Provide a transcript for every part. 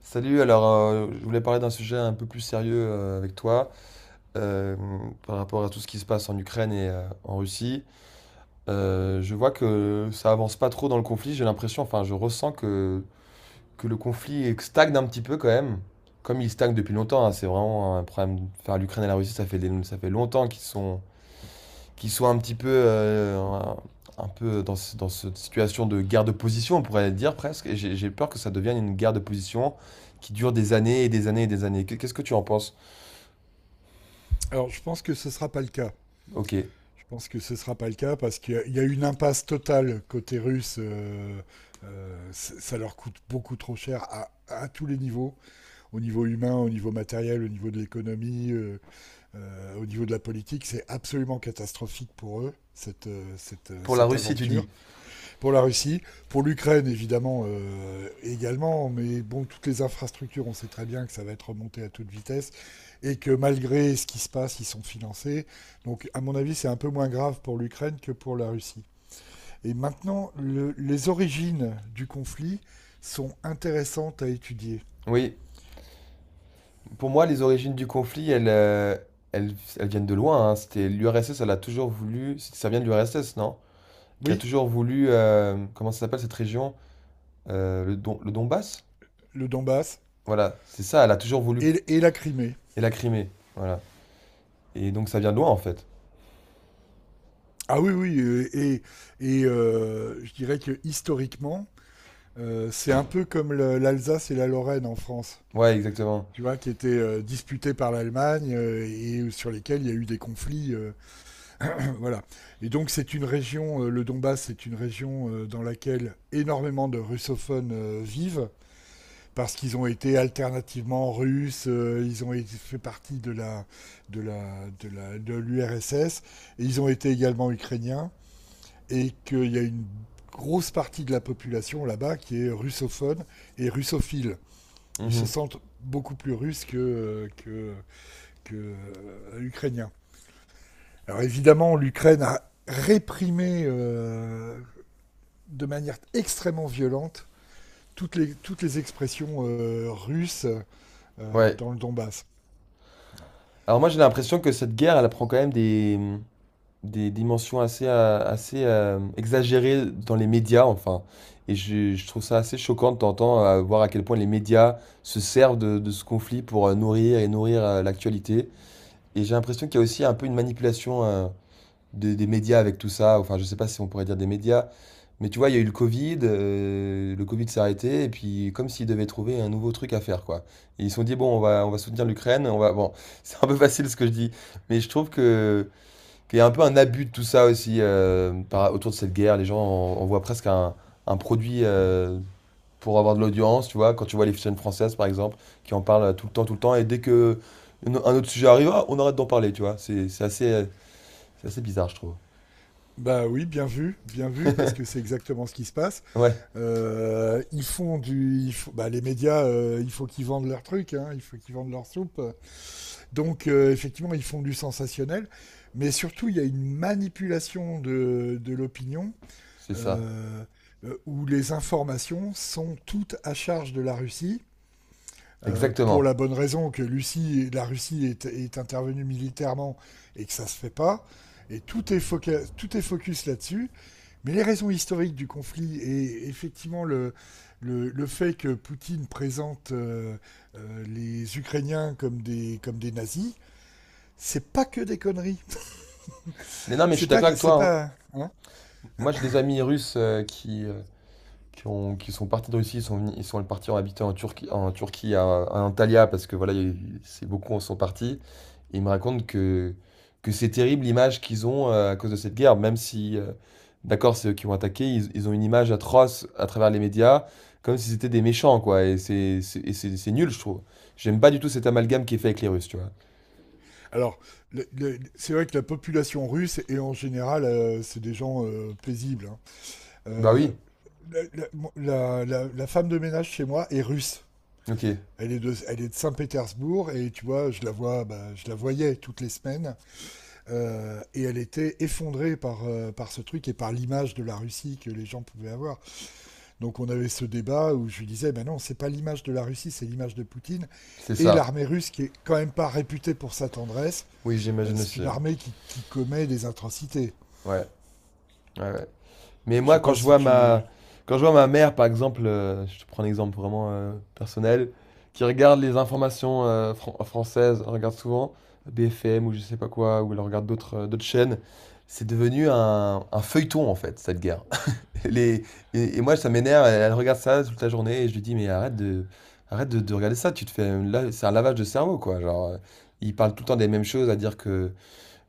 Salut. Je voulais parler d'un sujet un peu plus sérieux avec toi euh, par rapport à tout ce qui se passe en Ukraine et en Russie. Je vois que ça avance pas trop dans le conflit, j'ai l'impression, enfin je ressens que le conflit stagne un petit peu quand même, comme il stagne depuis longtemps, hein, c'est vraiment un problème, enfin l'Ukraine et la Russie ça ça fait longtemps qu'ils qui soit un petit peu, un peu dans cette situation de guerre de position, on pourrait dire presque. Et j'ai peur que ça devienne une guerre de position qui dure des années et des années et des années. Qu'est- ce que tu en penses? Alors, je pense que ce sera pas le cas. Ok. Je pense que ce sera pas le cas parce qu'il y a une impasse totale côté russe. Ça leur coûte beaucoup trop cher à tous les niveaux, au niveau humain, au niveau matériel, au niveau de l'économie, au niveau de la politique. C'est absolument catastrophique pour eux, cette Pour la cette Russie, tu dis. aventure pour la Russie, pour l'Ukraine évidemment également, mais bon, toutes les infrastructures, on sait très bien que ça va être remonté à toute vitesse et que malgré ce qui se passe, ils sont financés. Donc à mon avis, c'est un peu moins grave pour l'Ukraine que pour la Russie. Et maintenant, les origines du conflit sont intéressantes à étudier. Oui. Pour moi, les origines du conflit, elles, elles viennent de loin, hein. C'était l'URSS, elle a toujours voulu. Ça vient de l'URSS, non? Qui a Oui, toujours voulu. Comment ça s'appelle cette région? Le Donbass? le Donbass Voilà, c'est ça, elle a toujours voulu. et la Crimée. Et la Crimée. Voilà. Et donc ça vient de loin, en fait. Ah oui, oui, et je dirais que historiquement, c'est un peu comme l'Alsace et la Lorraine en France. Ouais, exactement. Tu vois, qui étaient disputés par l'Allemagne et sur lesquels il y a eu des conflits. Voilà. Et donc, c'est une région, le Donbass, c'est une région dans laquelle énormément de russophones vivent, parce qu'ils ont été alternativement russes, fait partie de la de l'URSS, et ils ont été également ukrainiens, et qu'il y a une grosse partie de la population là-bas qui est russophone et russophile. Ils se Mhm. sentent beaucoup plus russes que ukrainien. Alors évidemment, l'Ukraine a réprimé de manière extrêmement violente toutes les expressions russes Ouais. dans le Donbass. Alors moi j'ai l'impression que cette guerre, elle prend quand même des dimensions assez exagérées dans les médias, enfin. Et je trouve ça assez choquant de t'entendre voir à quel point les médias se servent de ce conflit pour nourrir et nourrir l'actualité. Et j'ai l'impression qu'il y a aussi un peu une manipulation des médias avec tout ça. Enfin, je sais pas si on pourrait dire des médias, mais tu vois, il y a eu le Covid s'est arrêté, et puis comme s'ils devaient trouver un nouveau truc à faire, quoi. Et ils se sont dit, bon, on va soutenir l'Ukraine, on va... Bon, c'est un peu facile ce que je dis, mais je trouve qu'il y a un peu un abus de tout ça aussi autour de cette guerre. Les gens, on voit presque un produit pour avoir de l'audience, tu vois, quand tu vois les chaînes françaises, par exemple, qui en parlent tout le temps, et dès que un autre sujet arrive, ah, on arrête d'en parler, tu vois. C'est assez, c'est assez bizarre, je trouve. Bah oui, bien vu, parce que c'est exactement ce qui se passe. Ouais. Ils font du, ils font- Bah, les médias, il faut qu'ils vendent leur truc, hein, il faut qu'ils vendent leur soupe. Donc effectivement, ils font du sensationnel, mais surtout il y a une manipulation de l'opinion C'est ça, euh, où les informations sont toutes à charge de la Russie. Pour exactement. la bonne raison que la Russie est intervenue militairement et que ça ne se fait pas. Et tout est focus là-dessus. Mais les raisons historiques du conflit et effectivement le fait que Poutine présente les Ukrainiens comme des nazis, c'est pas que des conneries. Mais non, mais je C'est suis pas. d'accord avec toi, C'est hein. pas hein. Moi, j'ai des amis russes qui qui sont partis de Russie, ils sont ils sont partis en habitant en Turquie à Antalya, parce que voilà, il y a c'est beaucoup en sont partis. Et ils me racontent que c'est terrible l'image qu'ils ont à cause de cette guerre, même si, d'accord, c'est eux qui ont attaqué, ils ont une image atroce à travers les médias, comme si c'était des méchants, quoi. Et c'est nul, je trouve. J'aime pas du tout cet amalgame qui est fait avec les Russes, tu vois. Alors, c'est vrai que la population russe, et en général, c'est des gens paisibles. Hein. Bah Euh, oui, la femme de ménage chez moi est russe. ok, Elle est de Saint-Pétersbourg et tu vois, je la voyais toutes les semaines et elle était effondrée par ce truc et par l'image de la Russie que les gens pouvaient avoir. Donc on avait ce débat où je lui disais, ben non, c'est pas l'image de la Russie, c'est l'image de Poutine c'est et ça. l'armée russe qui est quand même pas réputée pour sa tendresse Oui, j'imagine c'est aussi. une Ouais. armée qui commet des atrocités. Ouais, ouais, ouais. Mais Je sais moi, quand pas je si vois tu. Quand je vois ma mère, par exemple, je te prends un exemple vraiment personnel, qui regarde les informations françaises, elle regarde souvent BFM ou je sais pas quoi, ou elle regarde d'autres d'autres chaînes, c'est devenu un feuilleton en fait, cette guerre. Les, et moi, ça m'énerve, elle regarde ça toute la journée et je lui dis, mais arrête de regarder ça, tu te fais, là, c'est un lavage de cerveau quoi. Ils parlent tout le temps des mêmes choses, à dire que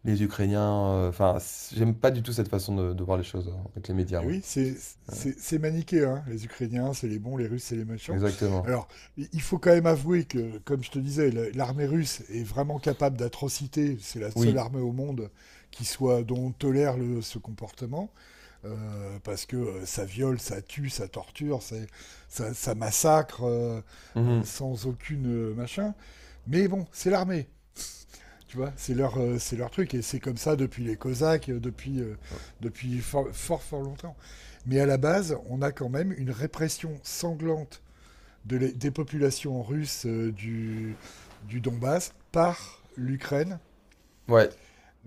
les Ukrainiens, enfin, c j'aime pas du tout cette façon de voir les choses, avec les médias, Et moi. oui, c'est maniqué, hein. Les Ukrainiens, c'est les bons, les Russes, c'est les méchants. Exactement. Alors, il faut quand même avouer que, comme je te disais, l'armée russe est vraiment capable d'atrocités. C'est la seule Oui. armée au monde qui soit dont on tolère ce comportement, parce que ça viole, ça tue, ça torture, ça, ça massacre Mmh. sans aucune machin. Mais bon, c'est l'armée. Tu vois, c'est leur truc. Et c'est comme ça depuis les Cosaques, Mmh. depuis fort, fort, fort longtemps. Mais à la base, on a quand même une répression sanglante des populations russes du Donbass par l'Ukraine. Ouais.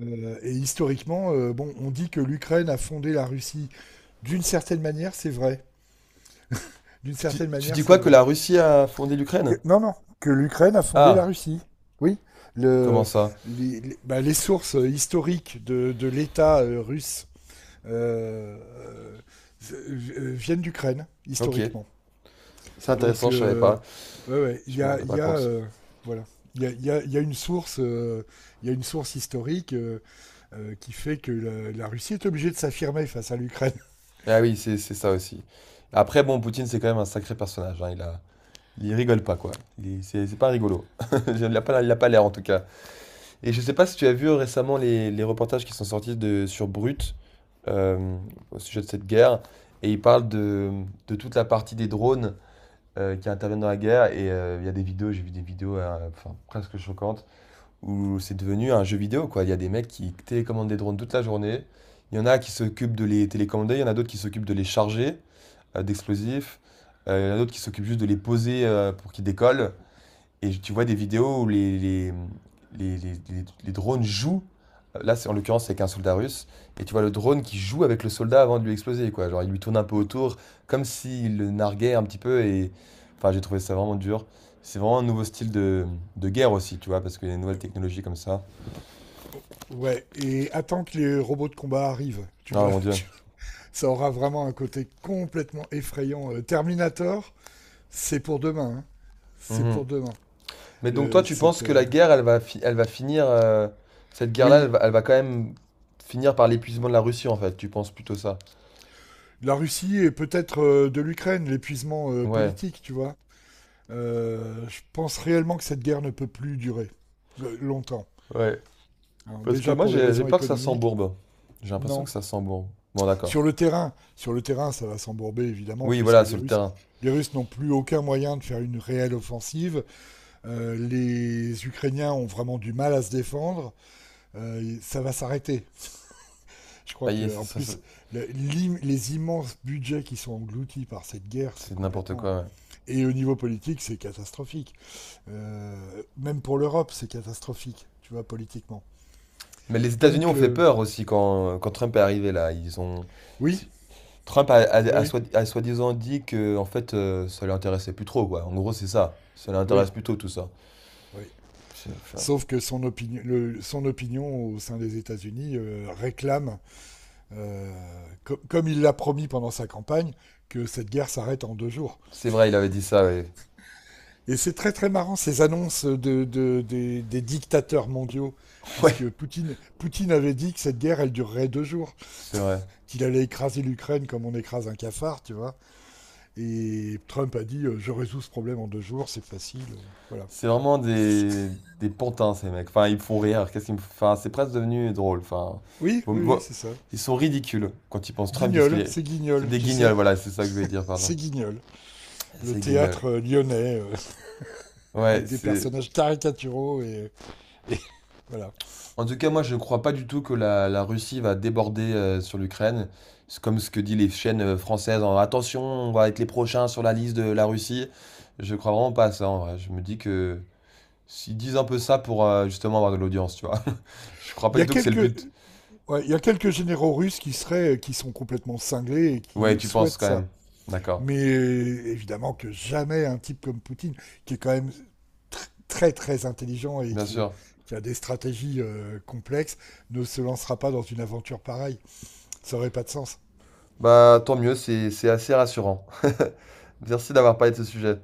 Et historiquement, bon, on dit que l'Ukraine a fondé la Russie. D'une certaine manière, c'est vrai. D'une certaine Tu manière, dis c'est quoi? Que vrai. la Russie a fondé l'Ukraine? Non, non, que l'Ukraine a fondé la Ah! Russie. Oui, Comment le, ça? Bah, les sources historiques de l'État russe euh, viennent d'Ukraine, OK. historiquement. C'est Donc, intéressant, je savais pas. ouais, ouais, Je me rendais il pas y a compte. Voilà. Il y, a, il, y a, il y a, une source, Il y a une source historique qui fait que Russie est obligée de s'affirmer face à l'Ukraine. Ah oui, c'est ça aussi. Après bon, Poutine, c'est quand même un sacré personnage, hein. Il a il rigole pas, quoi. Il c'est pas rigolo. Il a pas l'air en tout cas. Et je sais pas si tu as vu récemment les reportages qui sont sortis sur Brut euh, au sujet de cette guerre. Et ils parlent de toute la partie des drones qui interviennent dans la guerre. Et il y a des vidéos, j'ai vu des vidéos enfin, presque choquantes où c'est devenu un jeu vidéo, quoi. Il y a des mecs qui télécommandent des drones toute la journée. Il y en a qui s'occupent de les télécommander, il y en a d'autres qui s'occupent de les charger d'explosifs. Il y en a d'autres qui s'occupent juste de les poser pour qu'ils décollent. Et tu vois des vidéos où les drones jouent. Là, c'est en l'occurrence, c'est avec un soldat russe. Et tu vois le drone qui joue avec le soldat avant de lui exploser, quoi. Genre, il lui tourne un peu autour, comme s'il le narguait un petit peu. Et enfin, j'ai trouvé ça vraiment dur. C'est vraiment un nouveau style de guerre aussi, tu vois, parce qu'il y a des nouvelles technologies comme ça. Ouais, et attends que les robots de combat arrivent. Tu Ah, vas, mon Dieu. tu... Ça aura vraiment un côté complètement effrayant. Terminator, c'est pour demain. Hein. C'est Mhm. pour demain. Mais donc, toi, Le, tu penses cette, que la euh, guerre, elle va finir. Cette guerre-là, oui, elle va quand même finir par l'épuisement de la Russie, en fait. Tu penses plutôt ça. la Russie et peut-être de l'Ukraine, l'épuisement Ouais, politique, tu vois. Je pense réellement que cette guerre ne peut plus durer longtemps. ouais. Hein. Parce que Déjà moi, pour des j'ai raisons peur que ça économiques, s'embourbe. J'ai l'impression non. que ça s'embourbe. Bon, d'accord. Sur le terrain, ça va s'embourber évidemment Oui, puisque voilà, sur le terrain. les Russes n'ont plus aucun moyen de faire une réelle offensive. Les Ukrainiens ont vraiment du mal à se défendre. Et ça va s'arrêter. Je crois Aïe, que ça, en ça- ça- plus, les immenses budgets qui sont engloutis par cette guerre, c'est C'est n'importe complètement. quoi, ouais. Et au niveau politique, c'est catastrophique. Même pour l'Europe, c'est catastrophique, tu vois, politiquement. Mais les États-Unis ont Donc, fait peur aussi quand Trump est arrivé là. Ils ont. oui, si- Trump oui, a soi-disant dit que en fait, ça lui intéressait plus trop, quoi. En gros, c'est ça. Ça oui, l'intéresse plus trop, tout ça. oui. C'est enfin, Sauf que son opinion au sein des États-Unis réclame, comme il l'a promis pendant sa campagne, que cette guerre s'arrête en 2 jours. c'est vrai, il avait dit ça, ouais. Et c'est très très marrant ces annonces des dictateurs mondiaux, Ouais, puisque Poutine avait dit que cette guerre, elle durerait 2 jours, c'est vrai. qu'il allait écraser l'Ukraine comme on écrase un cafard, tu vois. Et Trump a dit je résous ce problème en 2 jours, c'est facile. Voilà. C'est Enfin, vraiment des pantins, ces mecs. Enfin, ils me font rire. Qu'est-ce qu'ils me font- Enfin, c'est presque devenu drôle. Enfin, oui, vous- oui, oui, vous- c'est ça. ils sont ridicules. Quand ils pensent Trump, qu'est-ce qu'il Guignol, est? c'est C'est Guignol, des tu guignols, sais, voilà, c'est ça que je voulais dire, pardon. c'est Guignol. Le C'est guignol. théâtre lyonnais, Ouais, avec des c'est... personnages caricaturaux et voilà. En tout cas, moi, je ne crois pas du tout que la Russie va déborder sur l'Ukraine. C'est comme ce que disent les chaînes françaises. Attention, on va être les prochains sur la liste de la Russie. Je crois vraiment pas à ça, en vrai. Je me dis que... S'ils disent un peu ça pour justement avoir de l'audience, tu vois. Je crois Il pas y du a tout que c'est le quelques, but. Ouais, il y a quelques généraux russes qui sont complètement cinglés et qui Ouais, tu penses souhaitent quand ça. même. D'accord. Mais évidemment que jamais un type comme Poutine, qui est quand même très très intelligent Bien sûr. qui a des stratégies complexes, ne se lancera pas dans une aventure pareille. Ça aurait pas de sens. Bah, tant mieux, c'est assez rassurant. Merci d'avoir parlé de ce sujet.